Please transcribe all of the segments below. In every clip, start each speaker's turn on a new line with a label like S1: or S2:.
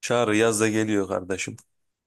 S1: Çağrı yaz da geliyor kardeşim.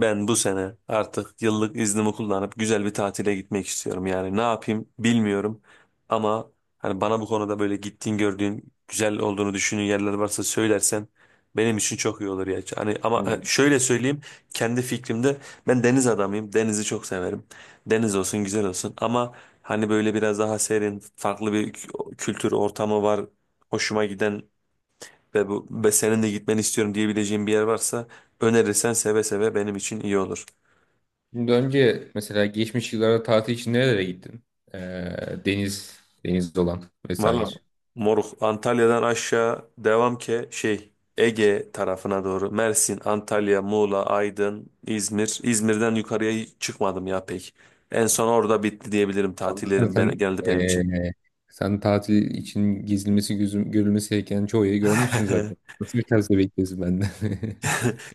S1: Ben bu sene artık yıllık iznimi kullanıp güzel bir tatile gitmek istiyorum. Yani ne yapayım bilmiyorum. Ama hani bana bu konuda böyle gittiğin gördüğün güzel olduğunu düşündüğün yerler varsa söylersen benim için çok iyi olur ya. Hani ama
S2: Evet.
S1: şöyle söyleyeyim kendi fikrimde ben deniz adamıyım. Denizi çok severim. Deniz olsun güzel olsun ama hani böyle biraz daha serin farklı bir kültür ortamı var. Hoşuma giden ve bu ve senin de gitmeni istiyorum diyebileceğim bir yer varsa önerirsen seve seve benim için iyi olur.
S2: Şimdi önce mesela geçmiş yıllarda tatil için nerelere gittin? Ee, deniz olan vesaire.
S1: Valla moruk Antalya'dan aşağı devam ki şey Ege tarafına doğru Mersin, Antalya, Muğla, Aydın, İzmir. İzmir'den yukarıya hiç çıkmadım ya pek. En son orada bitti diyebilirim
S2: Tabii.
S1: tatillerim ben,
S2: Sen,
S1: genelde benim için.
S2: ee, sen tatil için gezilmesi, gözüm, görülmesi gereken çoğu yeri görmüşsün zaten. Nasıl bir tavsiye bekliyorsun benden?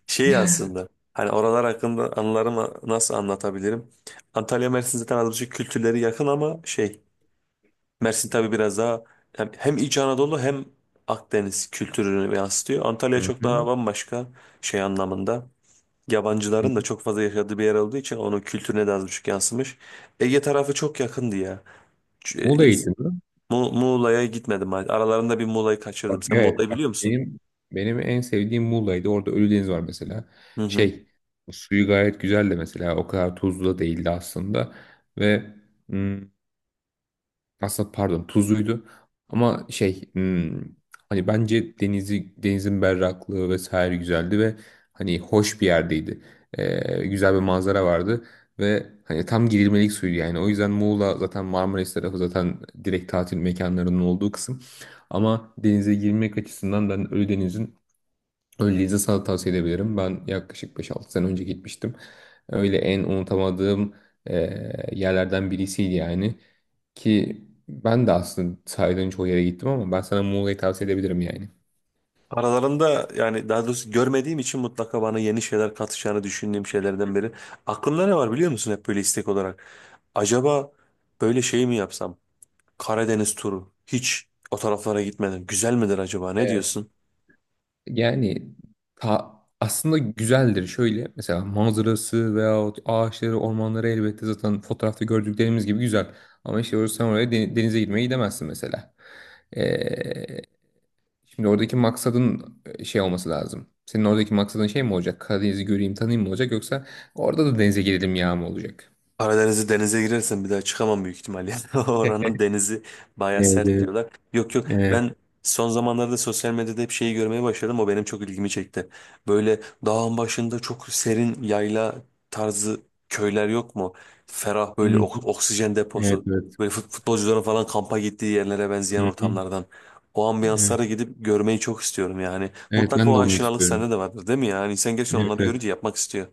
S1: Şey aslında hani oralar hakkında anılarımı nasıl anlatabilirim? Antalya Mersin zaten az buçuk kültürleri yakın ama şey Mersin tabii biraz daha hem İç Anadolu hem Akdeniz kültürünü yansıtıyor. Antalya
S2: Hı
S1: çok daha
S2: hı.
S1: bambaşka şey anlamında. Yabancıların da çok fazla yaşadığı bir yer olduğu için onun kültürüne de az buçuk yansımış. Ege tarafı çok yakındı ya. Ç- e,
S2: Muğla'ya
S1: İz-
S2: gittin mi?
S1: Muğla'ya gitmedim hadi. Aralarında bir Muğla'yı kaçırdım.
S2: Bak,
S1: Sen
S2: evet,
S1: Muğla'yı
S2: bak
S1: biliyor musun?
S2: benim en sevdiğim Muğla'ydı. Orada Ölüdeniz var mesela.
S1: Hı hı.
S2: Şey, suyu gayet güzel de mesela o kadar tuzlu da değildi aslında. Ve aslında pardon tuzluydu ama hani bence denizi denizin berraklığı vesaire güzeldi ve hani hoş bir yerdeydi. Güzel bir manzara vardı ve hani tam girilmelik suydu yani. O yüzden Muğla zaten Marmaris tarafı zaten direkt tatil mekanlarının olduğu kısım. Ama denize girmek açısından ben Ölüdeniz'in öyleyse sana tavsiye edebilirim. Ben yaklaşık beş altı sene önce gitmiştim. Öyle en unutamadığım yerlerden birisiydi yani. Ki ben de aslında saydığın çoğu yere gittim ama ben sana Muğla'yı tavsiye edebilirim yani.
S1: Aralarında yani daha doğrusu görmediğim için mutlaka bana yeni şeyler katacağını düşündüğüm şeylerden biri. Aklımda ne var biliyor musun hep böyle istek olarak? Acaba böyle şey mi yapsam? Karadeniz turu. Hiç o taraflara gitmedim. Güzel midir acaba? Ne
S2: Evet.
S1: diyorsun?
S2: Yani aslında güzeldir. Şöyle mesela manzarası veyahut ağaçları, ormanları elbette zaten fotoğrafta gördüklerimiz gibi güzel. Ama işte orası sen oraya denize girmeye gidemezsin mesela. Ee, Şimdi oradaki maksadın şey olması lazım. Senin oradaki maksadın şey mi olacak? Karadeniz'i göreyim, tanıyayım mı olacak? Yoksa orada da denize girelim ya mı olacak?
S1: Karadeniz'i denize girersem bir daha çıkamam büyük ihtimalle. Oranın denizi baya
S2: Evet,
S1: sert
S2: evet,
S1: diyorlar. Yok yok
S2: evet.
S1: ben son zamanlarda sosyal medyada hep şeyi görmeye başladım. O benim çok ilgimi çekti. Böyle dağın başında çok serin yayla tarzı köyler yok mu? Ferah
S2: Hı
S1: böyle
S2: hı.
S1: oksijen
S2: Evet,
S1: deposu.
S2: evet.
S1: Böyle futbolcuların falan kampa gittiği yerlere benzeyen
S2: Hı hı.
S1: ortamlardan. O
S2: Evet,
S1: ambiyanslara gidip görmeyi çok istiyorum yani.
S2: evet,
S1: Mutlaka
S2: ben de
S1: o
S2: onu
S1: aşinalık
S2: istiyorum.
S1: sende de vardır değil mi ya? Yani insan gerçekten
S2: Evet,
S1: onları
S2: evet.
S1: görünce yapmak istiyor.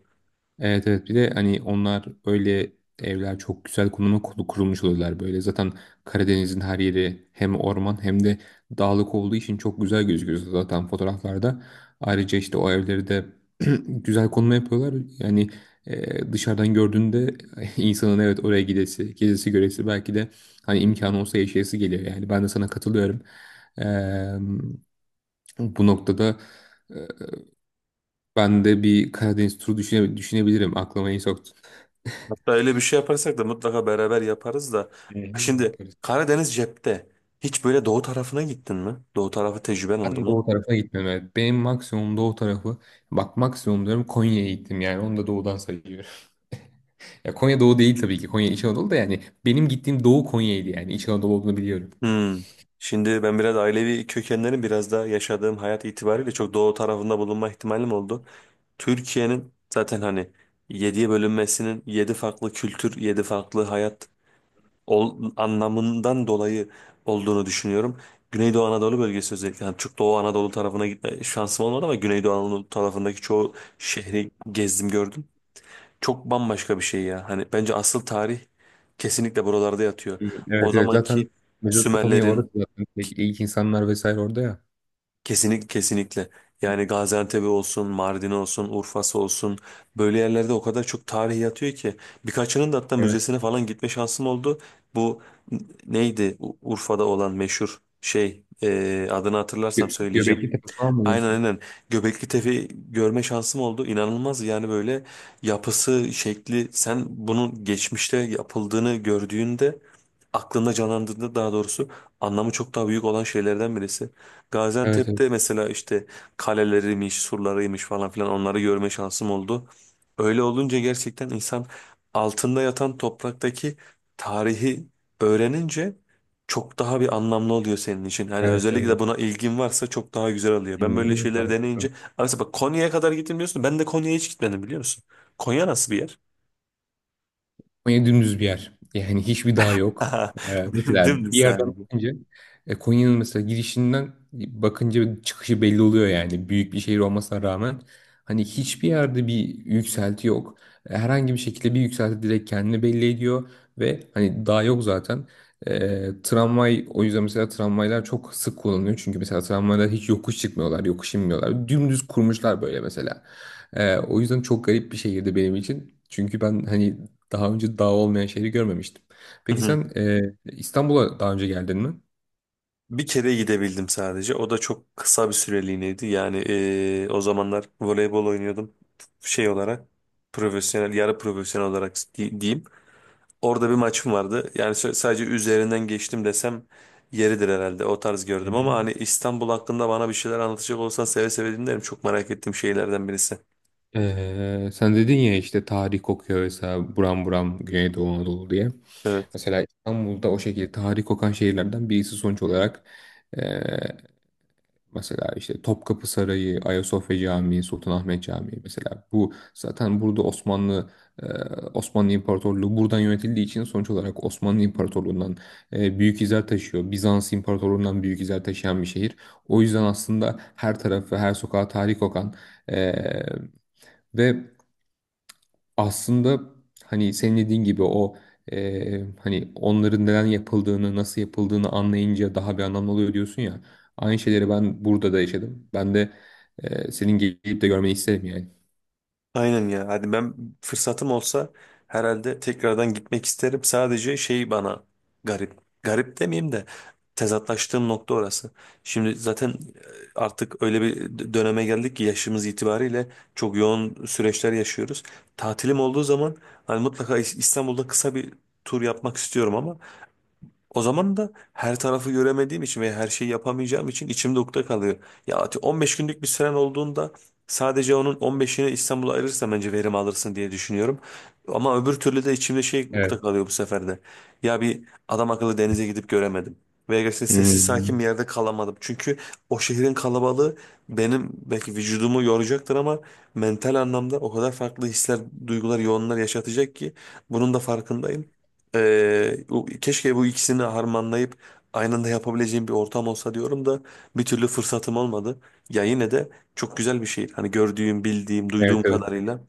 S2: Evet, evet, bir de hani onlar öyle evler çok güzel konuma kurulmuş oluyorlar böyle. Zaten Karadeniz'in her yeri hem orman hem de dağlık olduğu için çok güzel gözüküyor zaten fotoğraflarda. Ayrıca işte o evleri de güzel konuma yapıyorlar. Yani dışarıdan gördüğünde insanın evet oraya gidesi, gezisi, göresi belki de hani imkanı olsa yaşayası geliyor. Yani ben de sana katılıyorum. Eee, Bu noktada e, ben de bir Karadeniz turu düşünebilirim. Aklıma iyi soktun.
S1: Hatta öyle bir şey yaparsak da mutlaka beraber yaparız da.
S2: Hı hı,
S1: Şimdi
S2: yaparız.
S1: Karadeniz cepte. Hiç böyle doğu tarafına gittin mi? Doğu tarafı tecrüben oldu
S2: Ben
S1: mu?
S2: doğu tarafa gitmedim. Evet. Benim maksimum doğu tarafı, bak maksimum diyorum, Konya'ya gittim yani onu da doğudan sayıyorum. Ya Konya doğu değil tabii ki, Konya İç Anadolu da yani benim gittiğim doğu Konya'ydı yani İç Anadolu olduğunu biliyorum.
S1: Hmm. Şimdi ben biraz ailevi kökenlerim biraz da yaşadığım hayat itibariyle çok doğu tarafında bulunma ihtimalim oldu. Türkiye'nin zaten hani yediye bölünmesinin yedi farklı kültür, yedi farklı hayat anlamından dolayı olduğunu düşünüyorum. Güneydoğu Anadolu bölgesi özellikle yani çok Doğu Anadolu tarafına gitme şansım olmadı ama Güneydoğu Anadolu tarafındaki çoğu şehri gezdim gördüm. Çok bambaşka bir şey ya. Hani bence asıl tarih kesinlikle buralarda yatıyor.
S2: Hı,
S1: O
S2: evet evet zaten
S1: zamanki
S2: Mezopotamya orası
S1: Sümerlerin
S2: zaten ilk insanlar vesaire orada ya.
S1: Kesinlikle.
S2: Hı
S1: Yani
S2: hı.
S1: Gaziantep olsun, Mardin olsun, Urfa'sı olsun böyle yerlerde o kadar çok tarih yatıyor ki birkaçının da hatta
S2: Evet.
S1: müzesine falan gitme şansım oldu. Bu n- neydi Urfa'da olan meşhur şey adını
S2: Gö
S1: hatırlarsam söyleyeceğim.
S2: Göbekli Tepe falan mı
S1: Aynen
S2: diyorsun?
S1: aynen. Göbekli Tepe'yi görme şansım oldu. İnanılmaz yani böyle yapısı, şekli. Sen bunun geçmişte yapıldığını gördüğünde, aklında canlandığında daha doğrusu anlamı çok daha büyük olan şeylerden birisi.
S2: Evet evet.
S1: Gaziantep'te mesela işte kaleleriymiş, surlarıymış falan filan onları görme şansım oldu. Öyle olunca gerçekten insan altında yatan topraktaki tarihi öğrenince çok daha bir anlamlı oluyor senin için. Hani
S2: Evet
S1: özellikle
S2: evet.
S1: buna ilgin varsa çok daha güzel oluyor.
S2: Hı
S1: Ben böyle
S2: hı.
S1: şeyleri deneyince abi mesela bak Konya'ya kadar gittim diyorsun. Ben de Konya'ya hiç gitmedim biliyor musun? Konya nasıl bir yer?
S2: Konya dümdüz bir yer. Yani hiçbir dağ yok. Mesela
S1: Dümdüz
S2: bir yerden
S1: sadece.
S2: bakınca Konya'nın mesela girişinden bakınca çıkışı belli oluyor yani. Büyük bir şehir olmasına rağmen hani hiçbir yerde bir yükselti yok. Herhangi bir şekilde bir yükselti direkt kendini belli ediyor ve hani dağ yok zaten. Tramvay, o yüzden mesela tramvaylar çok sık kullanılıyor. Çünkü mesela tramvaylar hiç yokuş çıkmıyorlar, yokuş inmiyorlar. Dümdüz kurmuşlar böyle mesela. O yüzden çok garip bir şehirdi benim için. Çünkü ben hani daha önce dağ olmayan şehri görmemiştim.
S1: Hı
S2: Peki
S1: hı.
S2: sen, İstanbul'a daha önce geldin mi?
S1: Bir kere gidebildim sadece. O da çok kısa bir süreliğineydi. Yani o zamanlar voleybol oynuyordum. Şey olarak profesyonel, yarı profesyonel olarak diyeyim. Orada bir maçım vardı. Yani sadece üzerinden geçtim desem yeridir herhalde. O tarz gördüm ama hani İstanbul hakkında bana bir şeyler anlatacak olsan seve seve dinlerim. Çok merak ettiğim şeylerden birisi.
S2: Sen dedin ya işte tarih kokuyor mesela buram buram Güneydoğu Anadolu diye.
S1: Evet.
S2: Mesela İstanbul'da o şekilde tarih kokan şehirlerden birisi sonuç olarak, mesela işte Topkapı Sarayı, Ayasofya Camii, Sultanahmet Camii mesela bu zaten burada e, Osmanlı İmparatorluğu buradan yönetildiği için sonuç olarak Osmanlı İmparatorluğundan büyük izler taşıyor. Bizans İmparatorluğundan büyük izler taşıyan bir şehir. O yüzden aslında her tarafı, her sokağı tarih kokan, e, ve aslında hani senin dediğin gibi o, hani onların neden yapıldığını, nasıl yapıldığını anlayınca daha bir anlam oluyor diyorsun ya. Aynı şeyleri ben burada da yaşadım. Ben de, senin gelip de görmeni isterim yani.
S1: Aynen ya. Hadi ben fırsatım olsa herhalde tekrardan gitmek isterim. Sadece şey bana garip. Garip demeyeyim de tezatlaştığım nokta orası. Şimdi zaten artık öyle bir döneme geldik ki yaşımız itibariyle çok yoğun süreçler yaşıyoruz. Tatilim olduğu zaman hani mutlaka İstanbul'da kısa bir tur yapmak istiyorum ama o zaman da her tarafı göremediğim için ve her şeyi yapamayacağım için içimde ukde kalıyor. Ya 15 günlük bir süren olduğunda sadece onun 15'ini İstanbul'a ayırırsan bence verim alırsın diye düşünüyorum. Ama öbür türlü de içimde şey ukde
S2: Evet,
S1: kalıyor bu sefer de. Ya bir adam akıllı denize gidip göremedim. Veya gerçekten sessiz sakin
S2: hmm,
S1: bir yerde kalamadım. Çünkü o şehrin kalabalığı benim belki vücudumu yoracaktır ama mental anlamda o kadar farklı hisler, duygular, yoğunlar yaşatacak ki bunun da farkındayım. Keşke bu ikisini harmanlayıp aynı anda yapabileceğim bir ortam olsa diyorum da bir türlü fırsatım olmadı. Ya yine de çok güzel bir şey. Hani gördüğüm, bildiğim,
S2: evet,
S1: duyduğum
S2: evet.
S1: kadarıyla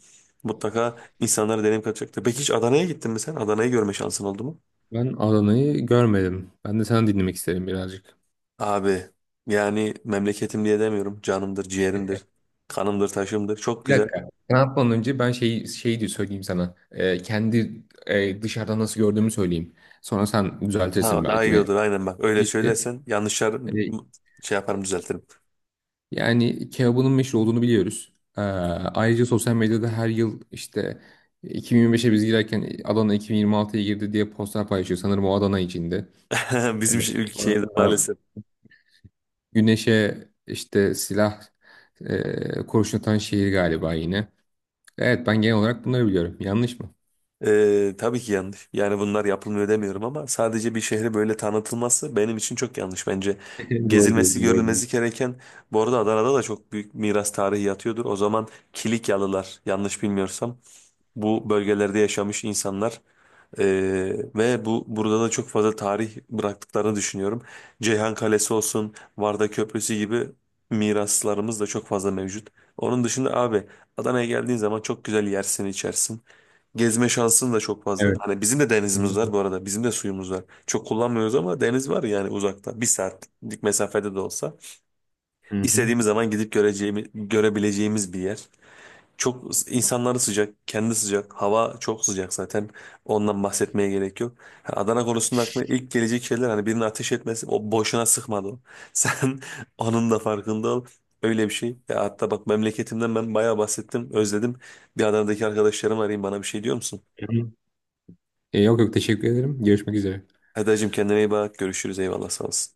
S1: mutlaka insanlara deneyim katacaktır. Peki hiç Adana'ya gittin mi sen? Adana'yı görme şansın oldu mu?
S2: Ben Adana'yı görmedim. Ben de sana dinlemek isterim birazcık.
S1: Abi yani memleketim diye demiyorum. Canımdır, ciğerimdir, kanımdır, taşımdır. Çok
S2: Bir
S1: güzel.
S2: dakika. Sen atmadan önce ben şeyi de söyleyeyim sana. Kendi, dışarıdan nasıl gördüğümü söyleyeyim. Sonra sen düzeltirsin
S1: Ha, daha
S2: belki
S1: iyi
S2: beni.
S1: olur aynen bak. Öyle söylersen yanlışlar
S2: E,
S1: şey yaparım düzeltirim.
S2: Yani kebabının meşhur olduğunu biliyoruz. Ayrıca sosyal medyada her yıl işte 2025'e biz girerken Adana 2026'ya girdi diye postlar paylaşıyor. Sanırım o Adana içinde.
S1: Bizim şey, ülke şeyde
S2: Sonrasında
S1: maalesef.
S2: güneşe işte kurşun atan şehir galiba yine. Evet ben genel olarak bunları biliyorum. Yanlış mı?
S1: Tabii ki yanlış. Yani bunlar yapılmıyor demiyorum ama sadece bir şehri böyle tanıtılması benim için çok yanlış bence.
S2: Doğru diyorsun,
S1: Gezilmesi,
S2: doğru diyorsun.
S1: görülmesi gereken bu arada Adana'da da çok büyük miras tarihi yatıyordur. O zaman Kilikyalılar yanlış bilmiyorsam bu bölgelerde yaşamış insanlar ee, ve burada da çok fazla tarih bıraktıklarını düşünüyorum. Ceyhan Kalesi olsun, Varda Köprüsü gibi miraslarımız da çok fazla mevcut. Onun dışında abi Adana'ya geldiğin zaman çok güzel yersin, içersin. Gezme şansın da çok fazla.
S2: Evet.
S1: Hani bizim de denizimiz
S2: Doğru.
S1: var bu arada. Bizim de suyumuz var. Çok kullanmıyoruz ama deniz var yani uzakta. Bir saatlik mesafede de olsa.
S2: Hı hı.
S1: İstediğimiz zaman gidip göreceğimiz, görebileceğimiz bir yer. Çok insanları sıcak, kendi sıcak. Hava çok sıcak zaten. Ondan bahsetmeye gerek yok. Ha, Adana konusunda aklıma ilk gelecek şeyler hani birinin ateş etmesi o boşuna sıkmadı o. Sen onun da farkında ol. Öyle bir şey. Ya hatta bak memleketimden ben bayağı bahsettim, özledim. Bir Adana'daki arkadaşlarım arayayım bana bir şey diyor musun?
S2: Hı hı. Yok yok, teşekkür ederim. Görüşmek üzere.
S1: Eda'cığım kendine iyi bak. Görüşürüz. Eyvallah sağ olasın.